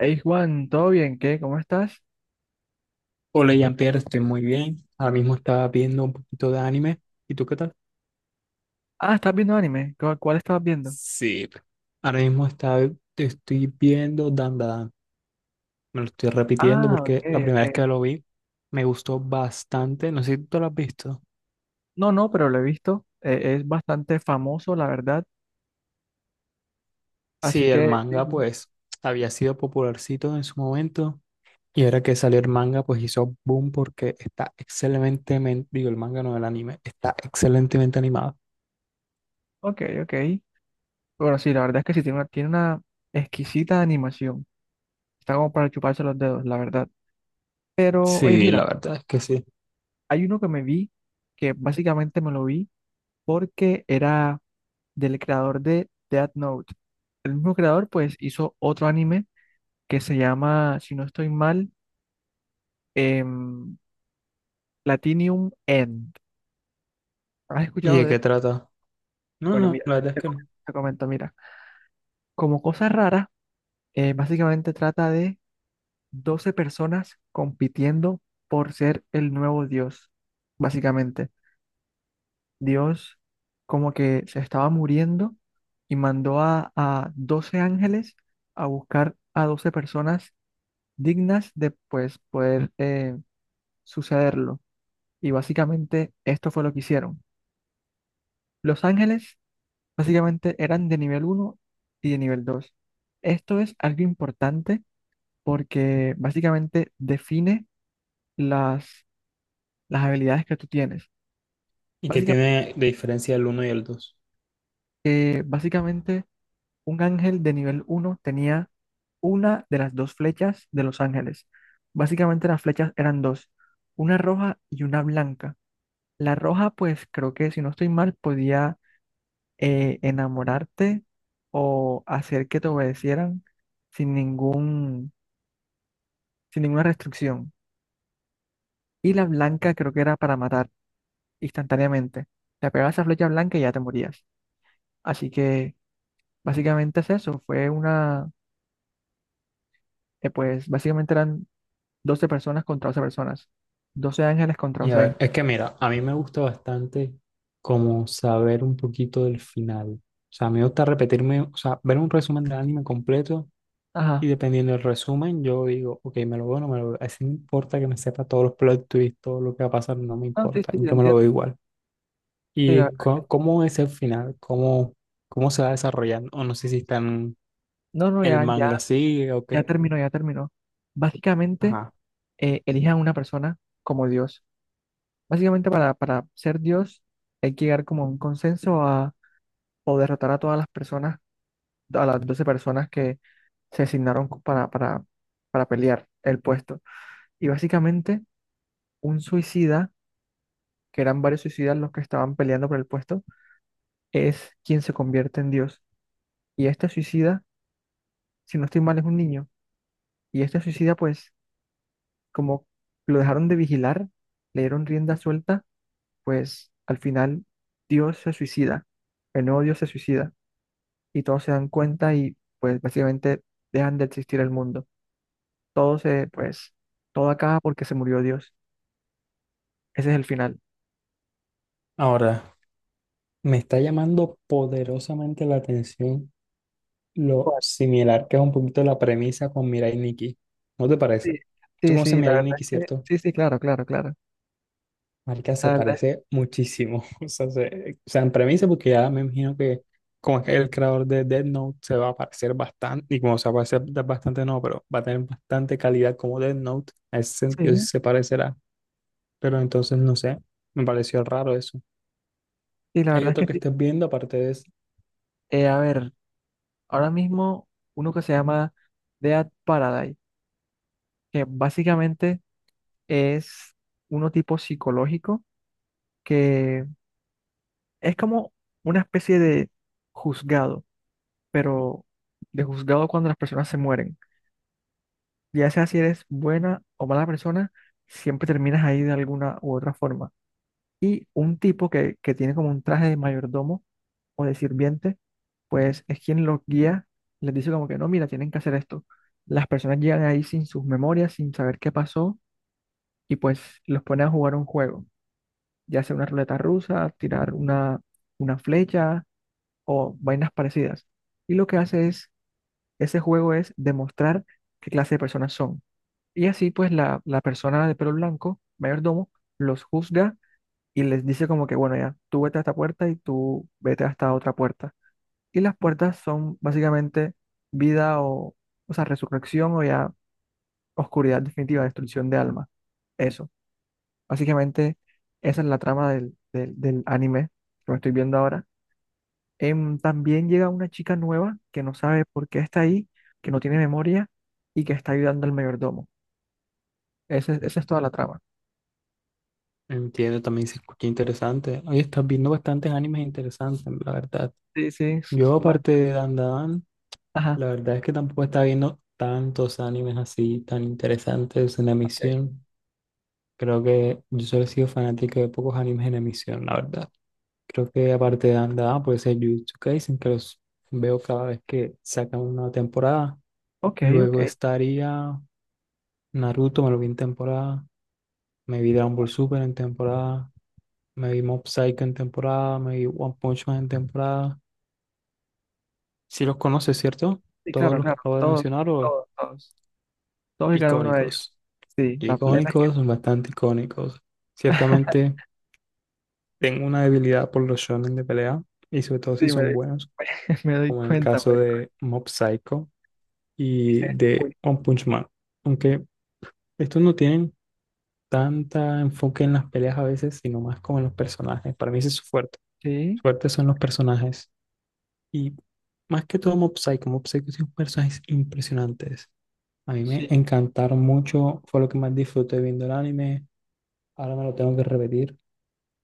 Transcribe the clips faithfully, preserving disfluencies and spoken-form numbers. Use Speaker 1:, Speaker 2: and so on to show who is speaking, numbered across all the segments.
Speaker 1: Hey Juan, ¿todo bien? ¿Qué? ¿Cómo estás?
Speaker 2: Hola Jean-Pierre, estoy muy bien. Ahora mismo estaba viendo un poquito de anime. ¿Y tú qué tal?
Speaker 1: Ah, ¿estás viendo anime? ¿Cu- ¿Cuál, estabas viendo?
Speaker 2: Sí. Ahora mismo estaba, te estoy viendo Dandadan. Me lo estoy repitiendo
Speaker 1: Ah, ok,
Speaker 2: porque la primera vez
Speaker 1: ok.
Speaker 2: que lo vi me gustó bastante. No sé si tú lo has visto.
Speaker 1: No, no, pero lo he visto. Eh, es bastante famoso, la verdad. Así
Speaker 2: Sí, el
Speaker 1: que, sí,
Speaker 2: manga
Speaker 1: sí.
Speaker 2: pues había sido popularcito en su momento y ahora que salió el manga pues hizo boom porque está excelentemente, digo el manga no el anime, está excelentemente animado.
Speaker 1: Ok, ok. Bueno, sí, la verdad es que sí, tiene una, tiene una exquisita animación. Está como para chuparse los dedos, la verdad. Pero, oye,
Speaker 2: Sí,
Speaker 1: mira,
Speaker 2: la verdad es que sí.
Speaker 1: hay uno que me vi, que básicamente me lo vi porque era del creador de Death Note. El mismo creador, pues, hizo otro anime que se llama, si no estoy mal, em, Platinum End. ¿Has
Speaker 2: ¿Y
Speaker 1: escuchado
Speaker 2: de
Speaker 1: de él?
Speaker 2: qué trata? No,
Speaker 1: Bueno,
Speaker 2: no,
Speaker 1: mira,
Speaker 2: la verdad es
Speaker 1: te
Speaker 2: que no.
Speaker 1: comento, te comento, mira. Como cosa rara, eh, básicamente trata de doce personas compitiendo por ser el nuevo Dios. Básicamente, Dios como que se estaba muriendo y mandó a, a doce ángeles a buscar a doce personas dignas de pues poder eh, sucederlo. Y básicamente esto fue lo que hicieron. Los ángeles básicamente eran de nivel uno y de nivel dos. Esto es algo importante porque básicamente define las, las habilidades que tú tienes.
Speaker 2: ¿Y qué
Speaker 1: Básica-
Speaker 2: tiene de diferencia el uno y el dos?
Speaker 1: eh, Básicamente, un ángel de nivel uno tenía una de las dos flechas de los ángeles. Básicamente las flechas eran dos, una roja y una blanca. La roja, pues creo que si no estoy mal, podía eh, enamorarte o hacer que te obedecieran sin ningún sin ninguna restricción. Y la blanca creo que era para matar instantáneamente. Te pegabas a flecha blanca y ya te morías. Así que básicamente es eso. Fue una, eh, pues básicamente eran doce personas contra doce personas. Doce ángeles contra
Speaker 2: Y a
Speaker 1: doce ángeles.
Speaker 2: ver, es que mira, a mí me gusta bastante como saber un poquito del final. O sea, me gusta repetirme, o sea, ver un resumen del anime completo y
Speaker 1: Ajá.
Speaker 2: dependiendo del resumen, yo digo, ok, me lo veo o no me lo veo. Así no importa que me sepa todos los plot twists, todo lo que va a pasar, no me
Speaker 1: Ah, sí,
Speaker 2: importa,
Speaker 1: sí, te
Speaker 2: yo me lo
Speaker 1: entiendo.
Speaker 2: veo igual.
Speaker 1: Sí, la
Speaker 2: ¿Y
Speaker 1: verdad.
Speaker 2: co- cómo es el final? ¿Cómo, cómo se va desarrollando? O no sé si está en
Speaker 1: No, no,
Speaker 2: el
Speaker 1: ya,
Speaker 2: manga
Speaker 1: ya,
Speaker 2: así o
Speaker 1: ya
Speaker 2: qué.
Speaker 1: terminó, ya terminó. Básicamente,
Speaker 2: Ajá.
Speaker 1: eh, elijan una persona como Dios. Básicamente para, para ser Dios hay que llegar como a un consenso a, o derrotar a todas las personas, a las doce personas que se asignaron co- para, para, para pelear el puesto. Y básicamente un suicida, que eran varios suicidas los que estaban peleando por el puesto, es quien se convierte en Dios. Y este suicida, si no estoy mal, es un niño. Y este suicida, pues, como lo dejaron de vigilar, le dieron rienda suelta, pues al final Dios se suicida, el nuevo Dios se suicida. Y todos se dan cuenta y pues básicamente dejan de existir el mundo. Todo se, pues, Todo acaba porque se murió Dios. Ese es el final.
Speaker 2: Ahora, me está llamando poderosamente la atención lo similar que es un poquito la premisa con Mirai Nikki. ¿No te parece?
Speaker 1: Sí,
Speaker 2: Tú
Speaker 1: sí,
Speaker 2: conoces
Speaker 1: sí, la
Speaker 2: Mirai
Speaker 1: verdad
Speaker 2: Nikki,
Speaker 1: es que
Speaker 2: ¿cierto?
Speaker 1: sí, sí, claro, claro, claro.
Speaker 2: Marica, se
Speaker 1: La verdad
Speaker 2: parece muchísimo. O sea, se- o sea, en premisa, porque
Speaker 1: es que
Speaker 2: ya me imagino que como es el creador de Death Note, se va a parecer bastante, y como se va a parecer da- bastante, no, pero va a tener bastante calidad como Death Note. En ese sentido sí
Speaker 1: sí,
Speaker 2: se parecerá. Pero entonces, no sé, me pareció raro eso.
Speaker 1: sí, la
Speaker 2: Hay
Speaker 1: verdad es
Speaker 2: otro
Speaker 1: que
Speaker 2: que
Speaker 1: sí.
Speaker 2: estés viendo, aparte de eso.
Speaker 1: Eh, a ver, ahora mismo uno que se llama Dead Paradise, que básicamente es uno tipo psicológico, que es como una especie de juzgado, pero de juzgado cuando las personas se mueren. Ya sea si eres buena o mala persona, siempre terminas ahí de alguna u otra forma. Y un tipo que, que tiene como un traje de mayordomo o de sirviente, pues es quien los guía, les dice como que no, mira, tienen que hacer esto. Las personas llegan ahí sin sus memorias, sin saber qué pasó, y pues los pone a jugar un juego, ya sea una ruleta rusa, tirar una, una flecha o vainas parecidas. Y lo que hace es, ese juego es demostrar qué clase de personas son. Y así pues la, la persona de pelo blanco, mayordomo, los juzga y les dice como que, bueno, ya, tú vete a esta puerta y tú vete a esta otra puerta. Y las puertas son básicamente vida o, o sea, resurrección o ya oscuridad definitiva, destrucción de alma. Eso. Básicamente, esa es la trama del, del, del anime que me estoy viendo ahora. Em, también llega una chica nueva que no sabe por qué está ahí, que no tiene memoria y que está ayudando al mayordomo. Ese- Esa es toda la trama.
Speaker 2: Entiendo, también se escucha interesante. Oye, estás viendo bastantes animes interesantes, la verdad.
Speaker 1: Sí, sí.
Speaker 2: Yo,
Speaker 1: Va.
Speaker 2: aparte de Dan Dan,
Speaker 1: Ajá.
Speaker 2: la verdad es que tampoco está viendo tantos animes así tan interesantes en
Speaker 1: Ok.
Speaker 2: emisión. Creo que yo solo he sido fanático de pocos animes en emisión, la verdad. Creo que aparte de Dan Dan, puede ser Jujutsu Kaisen, que los veo cada vez que sacan una temporada.
Speaker 1: Ok, ok.
Speaker 2: Luego estaría Naruto, me lo vi en temporada. Me vi Dragon Ball Super en temporada. Me vi Mob Psycho en temporada. Me vi One Punch Man en temporada. Si los conoces, ¿cierto?
Speaker 1: Sí,
Speaker 2: Todos
Speaker 1: claro,
Speaker 2: los que
Speaker 1: claro,
Speaker 2: acabo de
Speaker 1: todos,
Speaker 2: mencionar o...
Speaker 1: todos, todos, todos y cada uno de ellos.
Speaker 2: Icónicos.
Speaker 1: Sí, la plena.
Speaker 2: Icónicos, son bastante icónicos. Ciertamente tengo una debilidad por los shonen de pelea y sobre todo si
Speaker 1: Sí, me
Speaker 2: son
Speaker 1: doy,
Speaker 2: buenos,
Speaker 1: me doy
Speaker 2: como en el
Speaker 1: cuenta, me
Speaker 2: caso
Speaker 1: doy cuenta.
Speaker 2: de Mob Psycho y
Speaker 1: Dices,
Speaker 2: de
Speaker 1: uy,
Speaker 2: One Punch Man. Aunque estos no tienen tanta enfoque en las peleas a veces, sino más como en los personajes. Para mí ese es su fuerte. Su
Speaker 1: sí,
Speaker 2: fuerte son los personajes. Y más que todo Mob Psycho. Mob Psycho tiene unos personajes impresionantes. A mí me
Speaker 1: sí,
Speaker 2: encantaron mucho, fue lo que más disfruté viendo el anime. Ahora me lo tengo que repetir.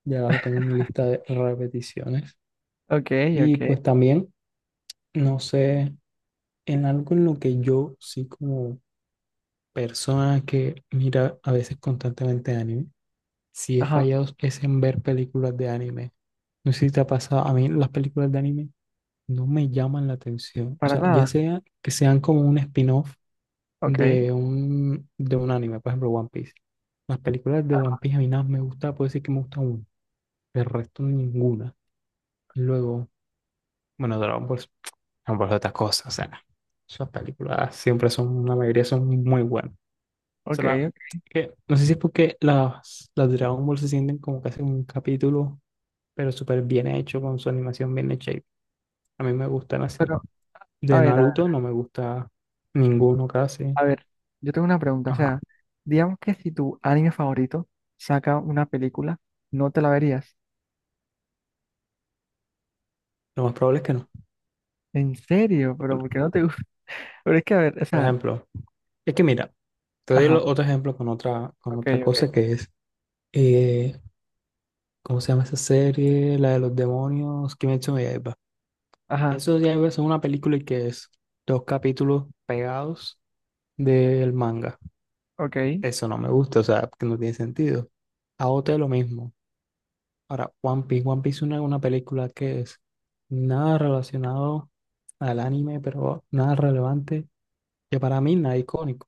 Speaker 2: Ya abajo tengo mi lista de repeticiones.
Speaker 1: ok,
Speaker 2: Y
Speaker 1: ok,
Speaker 2: pues también, no sé, en algo en lo que yo sí como persona que mira a veces constantemente anime, sí he
Speaker 1: ajá,
Speaker 2: fallado es en ver películas de anime. No sé si te ha pasado, a mí las películas de anime no me llaman la atención. O
Speaker 1: para
Speaker 2: sea, ya
Speaker 1: nada,
Speaker 2: sea que sean como un spin-off
Speaker 1: ok,
Speaker 2: de un, de un anime, por ejemplo, One Piece. Las películas de One
Speaker 1: ajá,
Speaker 2: Piece a mí nada más me gusta, puedo decir que me gusta una, el resto ninguna. Y luego... Bueno, Dragon Ball no por otras cosas. O sea, esas películas siempre son, la mayoría son muy buenas. O
Speaker 1: ok,
Speaker 2: sea, la-
Speaker 1: ok.
Speaker 2: que, no sé si es porque las, las Dragon Ball se sienten como que hacen un capítulo, pero súper bien hecho, con su animación bien hecha, y a mí me gustan así.
Speaker 1: Pero, a
Speaker 2: De
Speaker 1: ver, a ver,
Speaker 2: Naruto no me gusta ninguno casi.
Speaker 1: a ver, yo tengo una pregunta, o
Speaker 2: Ajá.
Speaker 1: sea, digamos que si tu anime favorito saca una película, ¿no te la verías?
Speaker 2: Lo más probable es que
Speaker 1: Eh,
Speaker 2: no.
Speaker 1: ¿En serio? Pero ¿por qué no te gusta? Pero es que, a ver, o
Speaker 2: Por
Speaker 1: sea,
Speaker 2: ejemplo, es que mira, te doy
Speaker 1: ajá,
Speaker 2: lo- otro ejemplo con otra, con
Speaker 1: ok,
Speaker 2: otra
Speaker 1: ok,
Speaker 2: cosa que es, eh, ¿cómo se llama esa serie? La de los demonios, Kimetsu no.
Speaker 1: ajá,
Speaker 2: Eso ya es una película que es dos capítulos pegados del manga.
Speaker 1: ok,
Speaker 2: Eso no me gusta, o sea, que no tiene sentido. A O T lo mismo. Ahora, One Piece. One Piece es una, una película que es nada relacionado al anime, pero nada relevante, que para mí nada icónico.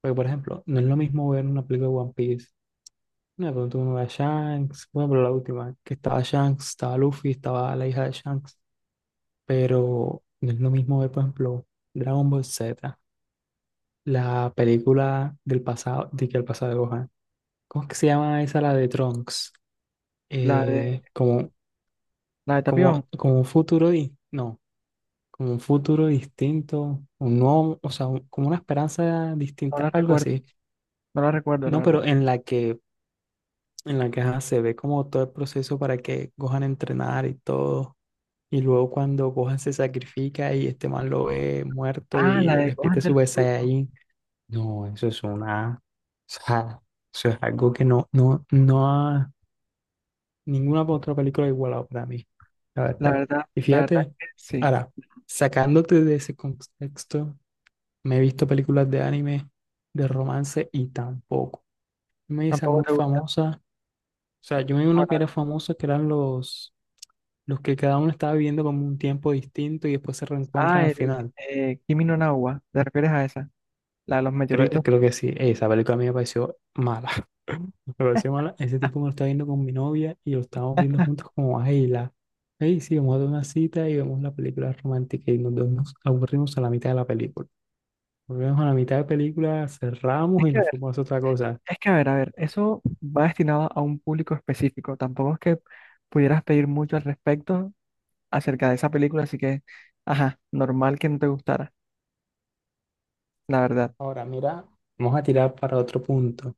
Speaker 2: Porque, por ejemplo, no es lo mismo ver una película de One Piece. No, pero tú no ves a Shanks, bueno, pero la última, que estaba Shanks, estaba Luffy, estaba la hija de Shanks. Pero no es lo mismo ver, por ejemplo, Dragon Ball Z, la película del pasado, de que el pasado de Gohan. ¿Cómo es que se llama esa, la de Trunks?
Speaker 1: la de,
Speaker 2: Eh, como,
Speaker 1: la de Tapión,
Speaker 2: como, como un futuro, di- no, como un futuro distinto, un nuevo, o sea, un- como una esperanza
Speaker 1: no
Speaker 2: distinta,
Speaker 1: la
Speaker 2: algo
Speaker 1: recuerdo.
Speaker 2: así.
Speaker 1: No la recuerdo, la
Speaker 2: No, pero
Speaker 1: verdad.
Speaker 2: en la que, en la que ajá, se ve como todo el proceso para que Gohan entrenar y todo. Y luego cuando Gohan se sacrifica y este man lo ve muerto
Speaker 1: Ah, la
Speaker 2: y
Speaker 1: de Gohan
Speaker 2: despierta su
Speaker 1: del
Speaker 2: Super.
Speaker 1: Fruto.
Speaker 2: No, eso es una, o sea, eso es algo que no, no, no ha ninguna otra película igualado para mí, la
Speaker 1: La
Speaker 2: verdad.
Speaker 1: verdad,
Speaker 2: Y
Speaker 1: la verdad es
Speaker 2: fíjate,
Speaker 1: que sí.
Speaker 2: ahora, sacándote de ese contexto, me he visto películas de anime, de romance y tampoco. Me esa
Speaker 1: Tampoco
Speaker 2: muy
Speaker 1: te gusta.
Speaker 2: famosa, o sea, yo me vi
Speaker 1: ¿Cómo
Speaker 2: una
Speaker 1: la
Speaker 2: que
Speaker 1: ves?
Speaker 2: era famosa, que eran los, los que cada uno estaba viviendo como un tiempo distinto y después se reencuentran
Speaker 1: Ah,
Speaker 2: al
Speaker 1: el
Speaker 2: final.
Speaker 1: eh, Kimi no Nawa. ¿Te refieres a esa? La de los
Speaker 2: Creo,
Speaker 1: mayoritos.
Speaker 2: creo que sí. Esa película a mí me pareció mala. Me pareció mala. Ese tipo me lo estaba viendo con mi novia y lo estábamos viendo juntos como, ay, la, ay, sí, vamos a dar una cita y vemos la película romántica y nos, nos aburrimos a la mitad de la película. Volvemos a la mitad de la película,
Speaker 1: Es
Speaker 2: cerramos y
Speaker 1: que a
Speaker 2: nos
Speaker 1: ver,
Speaker 2: fuimos a hacer otra cosa.
Speaker 1: es que a ver, a ver. Eso va destinado a un público específico. Tampoco es que pudieras pedir mucho al respecto acerca de esa película. Así que, ajá, normal que no te gustara. La verdad.
Speaker 2: Ahora, mira, vamos a tirar para otro punto.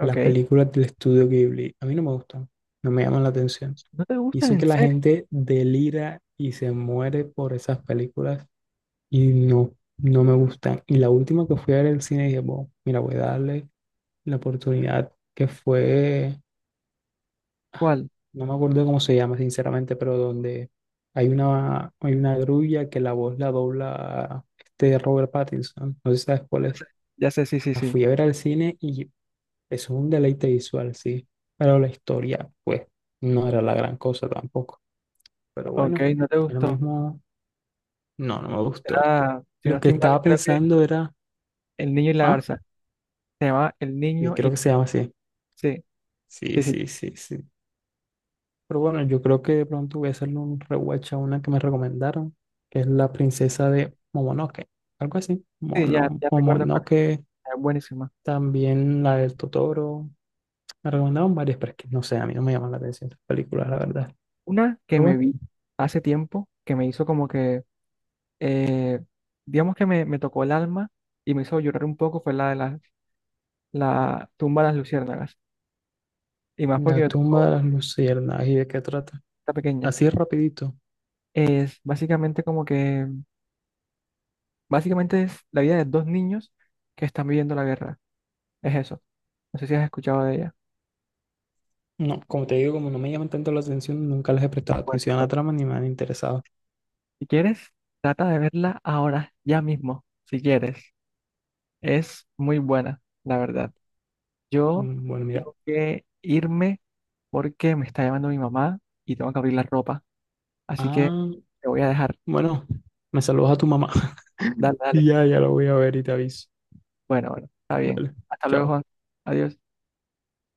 Speaker 2: Las películas del estudio Ghibli a mí no me gustan, no me llaman la atención.
Speaker 1: ¿No te
Speaker 2: Y
Speaker 1: gustan
Speaker 2: eso que
Speaker 1: en
Speaker 2: la
Speaker 1: serio?
Speaker 2: gente delira y se muere por esas películas y no, no me gustan. Y la última que fui a ver el cine dije, bueno, mira, voy a darle la oportunidad que fue,
Speaker 1: ¿Cuál?
Speaker 2: no me acuerdo cómo se llama sinceramente, pero donde hay una, hay una grulla que la voz la dobla este Robert Pattinson, no sé si sabes cuál
Speaker 1: Ya
Speaker 2: es.
Speaker 1: sé, ya sé, sí, sí,
Speaker 2: La
Speaker 1: sí.
Speaker 2: fui a ver al cine y eso es un deleite visual, sí, pero la historia, pues, no era la gran cosa tampoco. Pero
Speaker 1: Ok,
Speaker 2: bueno,
Speaker 1: no te
Speaker 2: lo
Speaker 1: gustó.
Speaker 2: mismo, no, no me gustó.
Speaker 1: Era, si no
Speaker 2: Lo que
Speaker 1: estoy mal,
Speaker 2: estaba
Speaker 1: creo que
Speaker 2: pensando era,
Speaker 1: El Niño y la
Speaker 2: ah,
Speaker 1: Garza. Se llamaba El
Speaker 2: y
Speaker 1: Niño y
Speaker 2: creo que se llama así.
Speaker 1: sí,
Speaker 2: Sí,
Speaker 1: sí, sí,
Speaker 2: sí, sí, sí. Pero bueno, yo creo que de pronto voy a hacerle un rewatch a una que me recomendaron, que es La Princesa de Momonoke, algo así.
Speaker 1: sí, ya,
Speaker 2: Mono,
Speaker 1: ya recuerdo cuál
Speaker 2: Momonoke,
Speaker 1: es, es, buenísima.
Speaker 2: también la del Totoro. Me recomendaron varias, pero es que no sé, a mí no me llaman la atención las películas, la verdad.
Speaker 1: Una que
Speaker 2: Pero
Speaker 1: me
Speaker 2: bueno,
Speaker 1: vi hace tiempo, que me hizo como que, eh, digamos que me, me tocó el alma y me hizo llorar un poco, fue la de la, la tumba de las luciérnagas. Y más porque
Speaker 2: La
Speaker 1: yo
Speaker 2: tumba
Speaker 1: oh,
Speaker 2: de las luciérnagas, ¿y de qué trata?
Speaker 1: está pequeña.
Speaker 2: Así rapidito.
Speaker 1: Es básicamente como que, básicamente es la vida de dos niños que están viviendo la guerra. Es eso. No sé si has escuchado de ella.
Speaker 2: No, como te digo, como no me llaman tanto la atención, nunca les he prestado
Speaker 1: Bueno,
Speaker 2: atención a la
Speaker 1: bueno,
Speaker 2: trama ni me han interesado.
Speaker 1: si quieres, trata de verla ahora, ya mismo, si quieres. Es muy buena, la verdad. Yo
Speaker 2: Mm, Bueno, mira.
Speaker 1: tengo que irme porque me está llamando mi mamá y tengo que abrir la ropa. Así que
Speaker 2: Ah.
Speaker 1: te voy a dejar.
Speaker 2: Bueno, me saludas a tu mamá.
Speaker 1: Dale, dale.
Speaker 2: Y ya, ya lo voy a ver y te aviso.
Speaker 1: Bueno, bueno, está bien.
Speaker 2: Dale,
Speaker 1: Hasta luego,
Speaker 2: chao.
Speaker 1: Juan. Adiós.